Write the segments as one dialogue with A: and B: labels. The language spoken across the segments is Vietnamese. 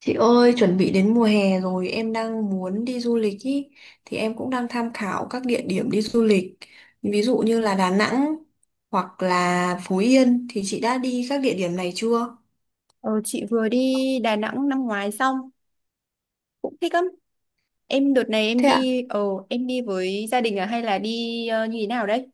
A: Chị ơi, chuẩn bị đến mùa hè rồi, em đang muốn đi du lịch ý, thì em cũng đang tham khảo các địa điểm đi du lịch. Ví dụ như là Đà Nẵng hoặc là Phú Yên thì chị đã đi các địa điểm này chưa?
B: Ờ, chị vừa đi Đà Nẵng năm ngoái xong cũng thích lắm. Em đợt này em
A: Thế ạ?
B: đi ờ em đi với gia đình à hay là đi như thế nào đấy?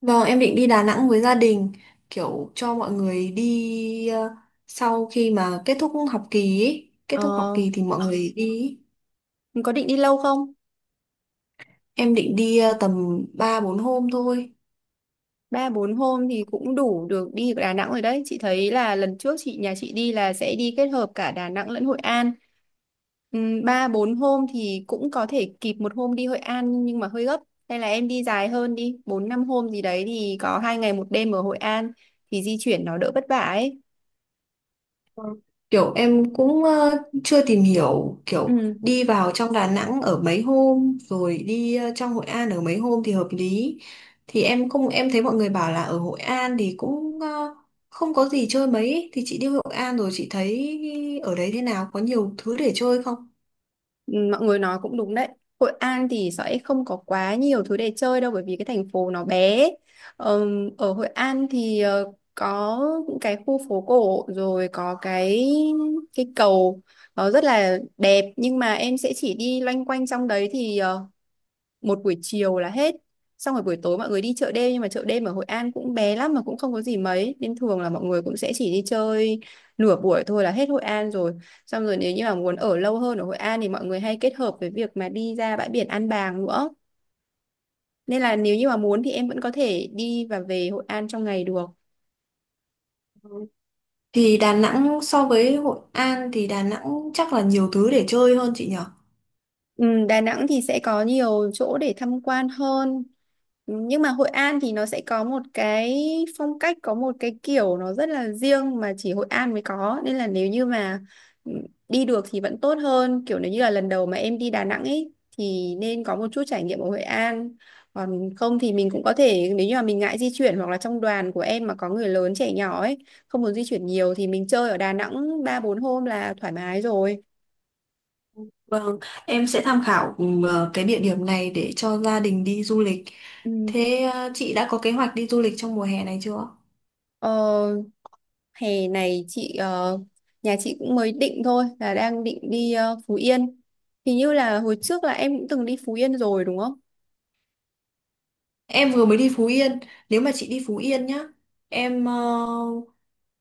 A: Vâng, em định đi Đà Nẵng với gia đình, kiểu cho mọi người đi sau khi mà kết thúc học kỳ ý. Kết thúc học
B: Ờ
A: kỳ thì mọi người đi ý.
B: mình có định đi lâu không?
A: Em định đi tầm 3-4 hôm thôi.
B: Ba bốn hôm thì cũng đủ được đi Đà Nẵng rồi đấy. Chị thấy là lần trước nhà chị đi là sẽ đi kết hợp cả Đà Nẵng lẫn Hội An. Ba bốn hôm thì cũng có thể kịp một hôm đi Hội An nhưng mà hơi gấp. Hay là em đi dài hơn đi, bốn năm hôm gì đấy thì có hai ngày một đêm ở Hội An thì di chuyển nó đỡ vất vả ấy.
A: Ừ. Kiểu em cũng chưa tìm hiểu kiểu
B: Ừ.
A: đi vào trong Đà Nẵng ở mấy hôm rồi đi trong Hội An ở mấy hôm thì hợp lý. Thì em không em thấy mọi người bảo là ở Hội An thì cũng không có gì chơi mấy ấy. Thì chị đi Hội An rồi chị thấy ở đấy thế nào, có nhiều thứ để chơi không?
B: Ừ, mọi người nói cũng đúng đấy. Hội An thì sẽ không có quá nhiều thứ để chơi đâu bởi vì cái thành phố nó bé. Ở Hội An thì có những cái khu phố cổ rồi có cái cầu nó rất là đẹp nhưng mà em sẽ chỉ đi loanh quanh trong đấy thì một buổi chiều là hết, xong rồi buổi tối mọi người đi chợ đêm nhưng mà chợ đêm ở Hội An cũng bé lắm mà cũng không có gì mấy nên thường là mọi người cũng sẽ chỉ đi chơi nửa buổi thôi là hết Hội An rồi. Xong rồi nếu như mà muốn ở lâu hơn ở Hội An thì mọi người hay kết hợp với việc mà đi ra bãi biển An Bàng nữa, nên là nếu như mà muốn thì em vẫn có thể đi và về Hội An trong ngày được.
A: Thì Đà Nẵng so với Hội An thì Đà Nẵng chắc là nhiều thứ để chơi hơn chị nhỉ?
B: Ừ, Đà Nẵng thì sẽ có nhiều chỗ để tham quan hơn. Ừ, nhưng mà Hội An thì nó sẽ có một cái phong cách, có một cái kiểu nó rất là riêng mà chỉ Hội An mới có. Nên là nếu như mà ừ, đi được thì vẫn tốt hơn. Kiểu nếu như là lần đầu mà em đi Đà Nẵng ấy thì nên có một chút trải nghiệm ở Hội An. Còn không thì mình cũng có thể, nếu như mà mình ngại di chuyển hoặc là trong đoàn của em mà có người lớn trẻ nhỏ ấy, không muốn di chuyển nhiều thì mình chơi ở Đà Nẵng 3 4 hôm là thoải mái rồi.
A: Vâng, em sẽ tham khảo cái địa điểm này để cho gia đình đi du lịch.
B: Ừ.
A: Thế chị đã có kế hoạch đi du lịch trong mùa hè này chưa?
B: Ờ, Hè này nhà chị cũng mới định thôi, là đang định đi Phú Yên, hình như là hồi trước là em cũng từng đi Phú Yên rồi đúng không?
A: Em vừa mới đi Phú Yên. Nếu mà chị đi Phú Yên nhá, em ờ,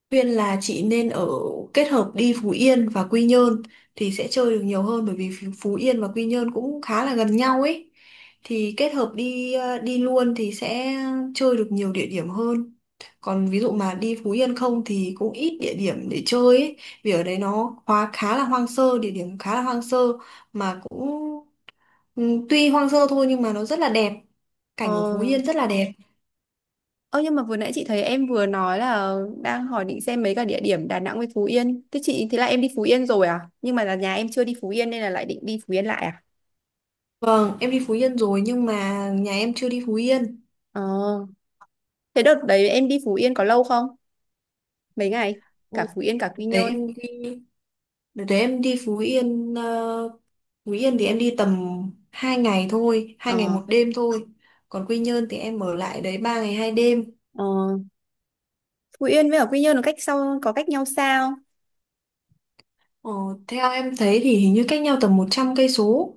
A: Khuyên là chị nên ở, kết hợp đi Phú Yên và Quy Nhơn thì sẽ chơi được nhiều hơn, bởi vì Phú Phú Yên và Quy Nhơn cũng khá là gần nhau ấy. Thì kết hợp đi luôn thì sẽ chơi được nhiều địa điểm hơn. Còn ví dụ mà đi Phú Yên không thì cũng ít địa điểm để chơi ấy. Vì ở đấy nó khá khá là hoang sơ, địa điểm khá là hoang sơ mà cũng ừ, tuy hoang sơ thôi nhưng mà nó rất là đẹp.
B: Ờ.
A: Cảnh ở Phú Yên rất là đẹp.
B: Ơ nhưng mà vừa nãy chị thấy em vừa nói là đang hỏi định xem mấy cái địa điểm Đà Nẵng với Phú Yên. Thế là em đi Phú Yên rồi à? Nhưng mà là nhà em chưa đi Phú Yên nên là lại định đi Phú Yên lại à?
A: Vâng, em đi Phú Yên rồi nhưng mà nhà em chưa đi Phú Yên.
B: Ờ. Thế đợt đấy em đi Phú Yên có lâu không? Mấy ngày?
A: Ừ.
B: Cả Phú Yên cả
A: Đợt
B: Quy
A: đấy
B: Nhơn.
A: em đi đợt đấy em đi Phú Yên ờ, Phú Yên thì em đi tầm 2 ngày thôi, hai
B: Ờ.
A: ngày một đêm thôi. Còn Quy Nhơn thì em ở lại đấy 3 ngày 2 đêm.
B: Ờ, Phú Yên với ở Quy Nhơn nó cách sau có cách nhau sao?
A: ờ, Theo em thấy thì hình như cách nhau tầm 100 cây số.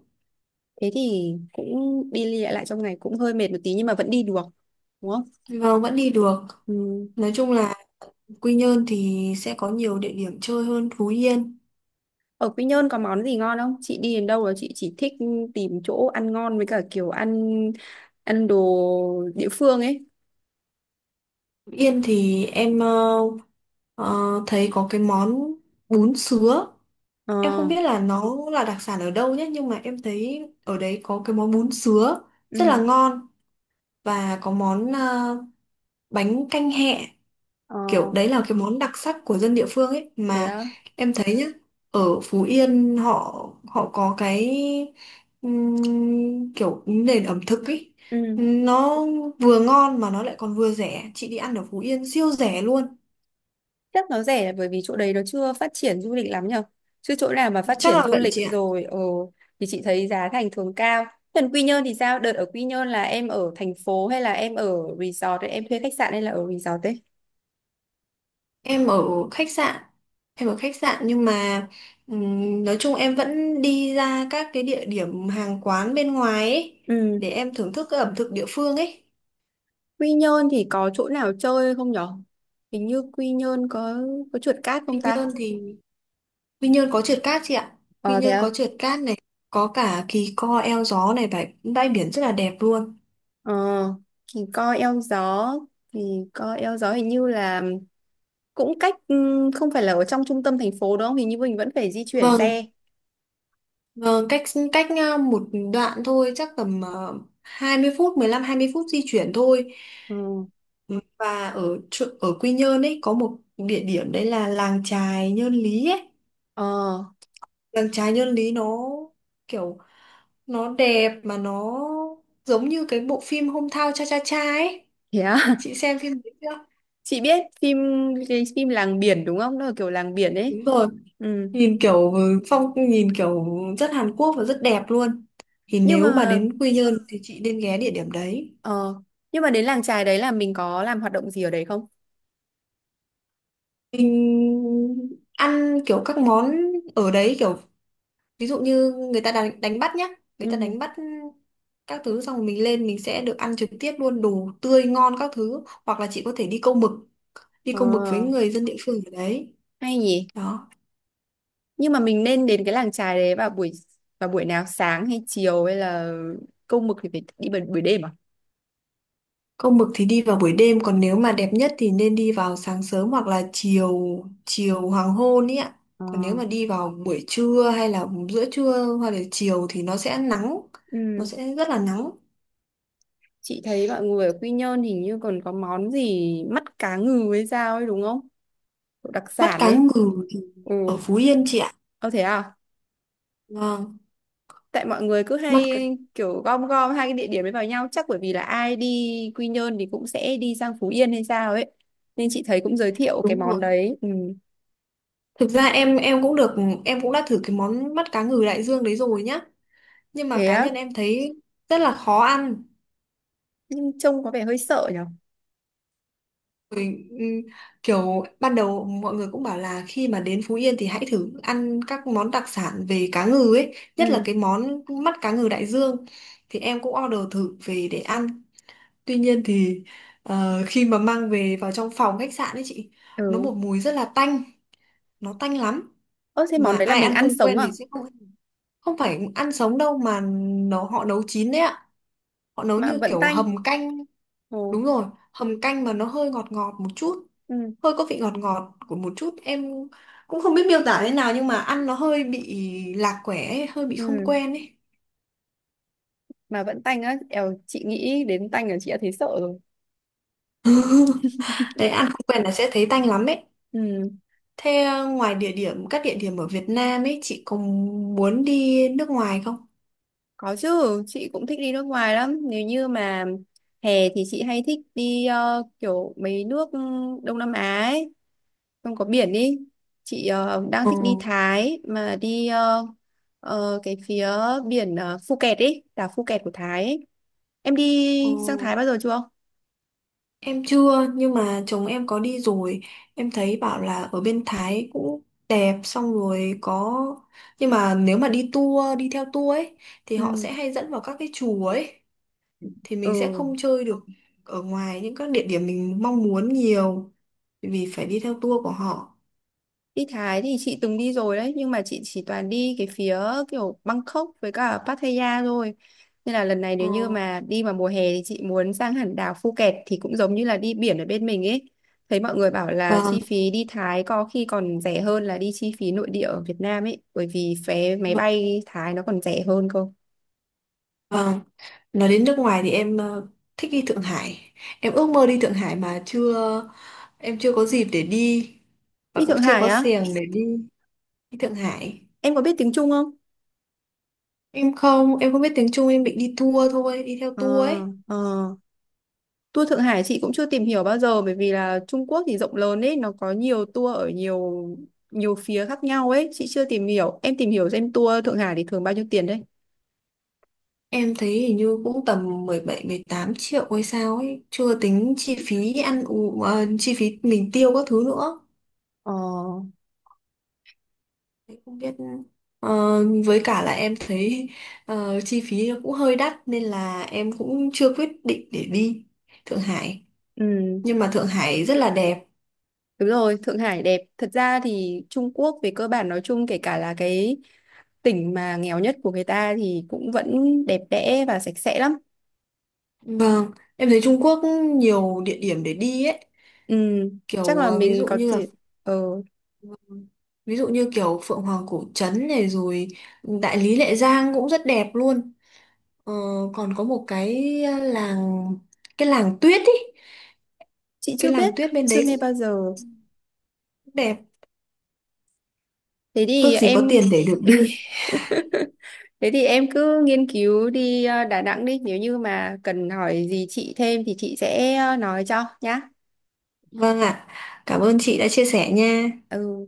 B: Thế thì cũng đi đi lại lại trong ngày cũng hơi mệt một tí nhưng mà vẫn đi được đúng không?
A: Vâng, vẫn đi được.
B: Ừ.
A: Nói chung là Quy Nhơn thì sẽ có nhiều địa điểm chơi hơn Phú Yên.
B: Ở Quy Nhơn có món gì ngon không? Chị đi đến đâu là chị chỉ thích tìm chỗ ăn ngon với cả kiểu ăn, đồ địa phương ấy.
A: Phú Yên thì em ờ, thấy có cái món bún sứa.
B: Ờ.
A: Em không biết là nó là đặc sản ở đâu nhé, nhưng mà em thấy ở đấy có cái món bún sứa rất là
B: Ừ.
A: ngon, và có món bánh canh hẹ.
B: Ờ.
A: Kiểu đấy là cái món đặc sắc của dân địa phương ấy
B: Thế
A: mà.
B: đó.
A: Em thấy nhá, ở Phú Yên họ họ có cái kiểu nền ẩm thực ấy,
B: Ừ,
A: nó vừa ngon mà nó lại còn vừa rẻ. Chị đi ăn ở Phú Yên siêu rẻ luôn.
B: chắc nó rẻ là bởi vì chỗ đấy nó chưa phát triển du lịch lắm nhở, chứ chỗ nào mà phát
A: Chắc
B: triển
A: là
B: du
A: vậy
B: lịch
A: chị ạ.
B: rồi thì chị thấy giá thành thường cao. Còn Quy Nhơn thì sao? Đợt ở Quy Nhơn là em ở thành phố hay là em ở resort ấy, em thuê khách sạn hay là ở resort ấy?
A: Em ở khách sạn em ở khách sạn nhưng mà nói chung em vẫn đi ra các cái địa điểm hàng quán bên ngoài ấy,
B: Ừ.
A: để em thưởng thức cái ẩm thực địa phương ấy.
B: Quy Nhơn thì có chỗ nào chơi không nhở? Hình như Quy Nhơn có trượt cát
A: Quy
B: không
A: Nhơn
B: ta?
A: thì Quy Nhơn có trượt cát chị ạ. Quy
B: Ờ thế
A: Nhơn có
B: à?
A: trượt cát này, có cả Kỳ Co eo gió này, bãi bãi biển rất là đẹp luôn.
B: Ờ thì coi eo gió, hình như là cũng cách không phải là ở trong trung tâm thành phố đúng không? Hình như mình vẫn phải di chuyển
A: Vâng,
B: xe.
A: vâng, cách cách một đoạn thôi, chắc tầm 20 phút, 15-20 phút di chuyển thôi.
B: Ừ.
A: Ừ, và ở ở Quy Nhơn ấy có một địa điểm đấy là làng chài Nhơn Lý ấy.
B: Ờ
A: Làng chài Nhơn Lý nó kiểu nó đẹp mà nó giống như cái bộ phim Hometown Cha Cha Cha ấy.
B: thế à?
A: Chị xem phim đấy chưa?
B: Chị biết phim, cái phim làng biển đúng không? Nó là kiểu làng biển ấy.
A: Đúng rồi.
B: Ừ.
A: Nhìn kiểu rất Hàn Quốc và rất đẹp luôn. Thì
B: Nhưng
A: nếu mà
B: mà
A: đến Quy Nhơn thì chị nên ghé địa điểm đấy.
B: ờ nhưng mà đến làng chài đấy là mình có làm hoạt động gì ở đấy không?
A: Mình ăn kiểu các món ở đấy kiểu, ví dụ như người ta đánh bắt nhá, người ta
B: Ừ.
A: đánh bắt các thứ xong rồi mình lên, mình sẽ được ăn trực tiếp luôn đồ tươi ngon các thứ, hoặc là chị có thể đi
B: Ờ
A: câu mực với người dân địa phương ở đấy
B: hay nhỉ?
A: đó.
B: Nhưng mà mình nên đến cái làng chài đấy vào buổi nào, sáng hay chiều, hay là câu mực thì phải đi buổi đêm à?
A: Câu mực thì đi vào buổi đêm, còn nếu mà đẹp nhất thì nên đi vào sáng sớm hoặc là chiều chiều hoàng hôn ý ạ.
B: Ờ,
A: Còn nếu mà đi vào buổi trưa hay là giữa trưa hoặc là chiều thì nó sẽ nắng, nó
B: ừ.
A: sẽ rất là nắng.
B: Chị thấy mọi người ở Quy Nhơn hình như còn có món gì mắt cá ngừ hay sao ấy đúng không? Kiểu đặc
A: Mắt
B: sản
A: cá
B: ấy.
A: ngừ thì
B: Ừ.
A: ở Phú Yên chị ạ.
B: Ô thế à?
A: Vâng.
B: Tại mọi người cứ
A: mắt
B: hay
A: cá
B: kiểu gom gom hai cái địa điểm ấy vào nhau, chắc bởi vì là ai đi Quy Nhơn thì cũng sẽ đi sang Phú Yên hay sao ấy nên chị thấy cũng giới thiệu cái
A: Đúng
B: món
A: rồi.
B: đấy. Ừ.
A: Thực ra em cũng được em cũng đã thử cái món mắt cá ngừ đại dương đấy rồi nhá, nhưng mà
B: Thế
A: cá
B: á?
A: nhân em thấy rất là khó ăn.
B: Nhưng trông có vẻ hơi sợ nhở.
A: Rồi, kiểu ban đầu mọi người cũng bảo là khi mà đến Phú Yên thì hãy thử ăn các món đặc sản về cá ngừ ấy, nhất
B: Ừ.
A: là cái món mắt cá ngừ đại dương. Thì em cũng order thử về để ăn. Tuy nhiên thì khi mà mang về vào trong phòng khách sạn ấy chị, nó
B: Ừ.
A: một mùi rất là tanh, nó tanh lắm.
B: Ơ thế món
A: Mà
B: đấy là
A: ai
B: mình
A: ăn
B: ăn
A: không
B: sống
A: quen
B: à?
A: thì sẽ không, không phải ăn sống đâu mà, nó họ nấu chín đấy ạ. Họ nấu
B: Mà
A: như
B: vẫn
A: kiểu
B: tanh.
A: hầm canh.
B: Ồ,
A: Đúng rồi, hầm canh mà nó hơi ngọt ngọt một chút,
B: ừ,
A: hơi có vị ngọt ngọt của một chút, em cũng không biết miêu tả thế nào, nhưng mà ăn nó hơi bị lạc quẻ ấy, hơi bị
B: ừ.
A: không quen ấy.
B: Mà vẫn tanh á. Eo, chị nghĩ đến tanh là chị đã thấy sợ rồi.
A: Đấy, ăn không quen là sẽ thấy tanh lắm ấy.
B: Ừ,
A: Thế ngoài địa điểm các địa điểm ở Việt Nam ấy, chị có muốn đi nước ngoài không?
B: có chứ. Chị cũng thích đi nước ngoài lắm. Nếu như mà hè thì chị hay thích đi kiểu mấy nước Đông Nam Á ấy. Không có biển đi. Chị đang
A: Ừ.
B: thích đi Thái. Mà đi cái phía biển Phu ấy. Đảo Phuket của Thái ấy. Em
A: Ừ.
B: đi sang Thái bao giờ chưa?
A: Em chưa, nhưng mà chồng em có đi rồi. Em thấy bảo là ở bên Thái cũng đẹp, xong rồi có. Nhưng mà nếu mà đi theo tour ấy, thì họ
B: Ừ.
A: sẽ hay dẫn vào các cái chùa ấy, thì mình sẽ
B: Ừ.
A: không chơi được ở ngoài những các địa điểm mình mong muốn nhiều, bởi vì phải đi theo tour của họ.
B: Đi Thái thì chị từng đi rồi đấy nhưng mà chị chỉ toàn đi cái phía kiểu Bangkok với cả Pattaya thôi, nên là lần này
A: Ờ.
B: nếu như mà đi vào mùa hè thì chị muốn sang hẳn đảo Phuket thì cũng giống như là đi biển ở bên mình ấy. Thấy mọi người bảo là
A: Vâng,
B: chi phí đi Thái có khi còn rẻ hơn là đi chi phí nội địa ở Việt Nam ấy, bởi vì vé máy bay Thái nó còn rẻ hơn cơ.
A: vâng. Nói đến nước ngoài thì em thích đi Thượng Hải. Em ước mơ đi Thượng Hải mà chưa. Em chưa có dịp để đi. Và
B: Đi
A: cũng
B: Thượng
A: chưa
B: Hải
A: có
B: á?
A: xèng để đi, đi Thượng Hải.
B: Em có biết tiếng Trung không?
A: Em không biết tiếng Trung, em bị đi tour thôi, đi theo
B: Ờ.
A: tour ấy.
B: Ờ. Tour Thượng Hải chị cũng chưa tìm hiểu bao giờ bởi vì là Trung Quốc thì rộng lớn ấy, nó có nhiều tour ở nhiều nhiều phía khác nhau ấy, chị chưa tìm hiểu. Em tìm hiểu xem tour Thượng Hải thì thường bao nhiêu tiền đấy.
A: Em thấy hình như cũng tầm 17-18 triệu hay sao ấy, chưa tính chi phí ăn uống, chi phí mình tiêu các thứ nữa.
B: Ờ,
A: Thế không biết, ờ, với cả là em thấy chi phí nó cũng hơi đắt, nên là em cũng chưa quyết định để đi Thượng Hải.
B: ừ,
A: Nhưng mà Thượng Hải rất là đẹp.
B: đúng rồi, Thượng Hải đẹp. Thật ra thì Trung Quốc về cơ bản nói chung kể cả là cái tỉnh mà nghèo nhất của người ta thì cũng vẫn đẹp đẽ và sạch sẽ lắm.
A: Vâng, em thấy Trung Quốc nhiều địa điểm để đi ấy,
B: Ừ, chắc
A: kiểu
B: là mình có thể ờ
A: ví dụ như kiểu Phượng Hoàng Cổ Trấn này, rồi Đại Lý Lệ Giang cũng rất đẹp luôn. ờ, Còn có một cái ờ, làng cái làng tuyết ý
B: chị
A: cái
B: chưa
A: làng
B: biết,
A: tuyết bên
B: chưa
A: đấy
B: nghe
A: cũng
B: bao giờ.
A: đẹp.
B: Thế thì
A: Ước gì có
B: em
A: tiền để được đi.
B: Thế thì em cứ nghiên cứu đi Đà Nẵng đi, nếu như mà cần hỏi gì chị thêm thì chị sẽ nói cho nhá.
A: Vâng ạ, cảm ơn chị đã chia sẻ nha.
B: Ừ.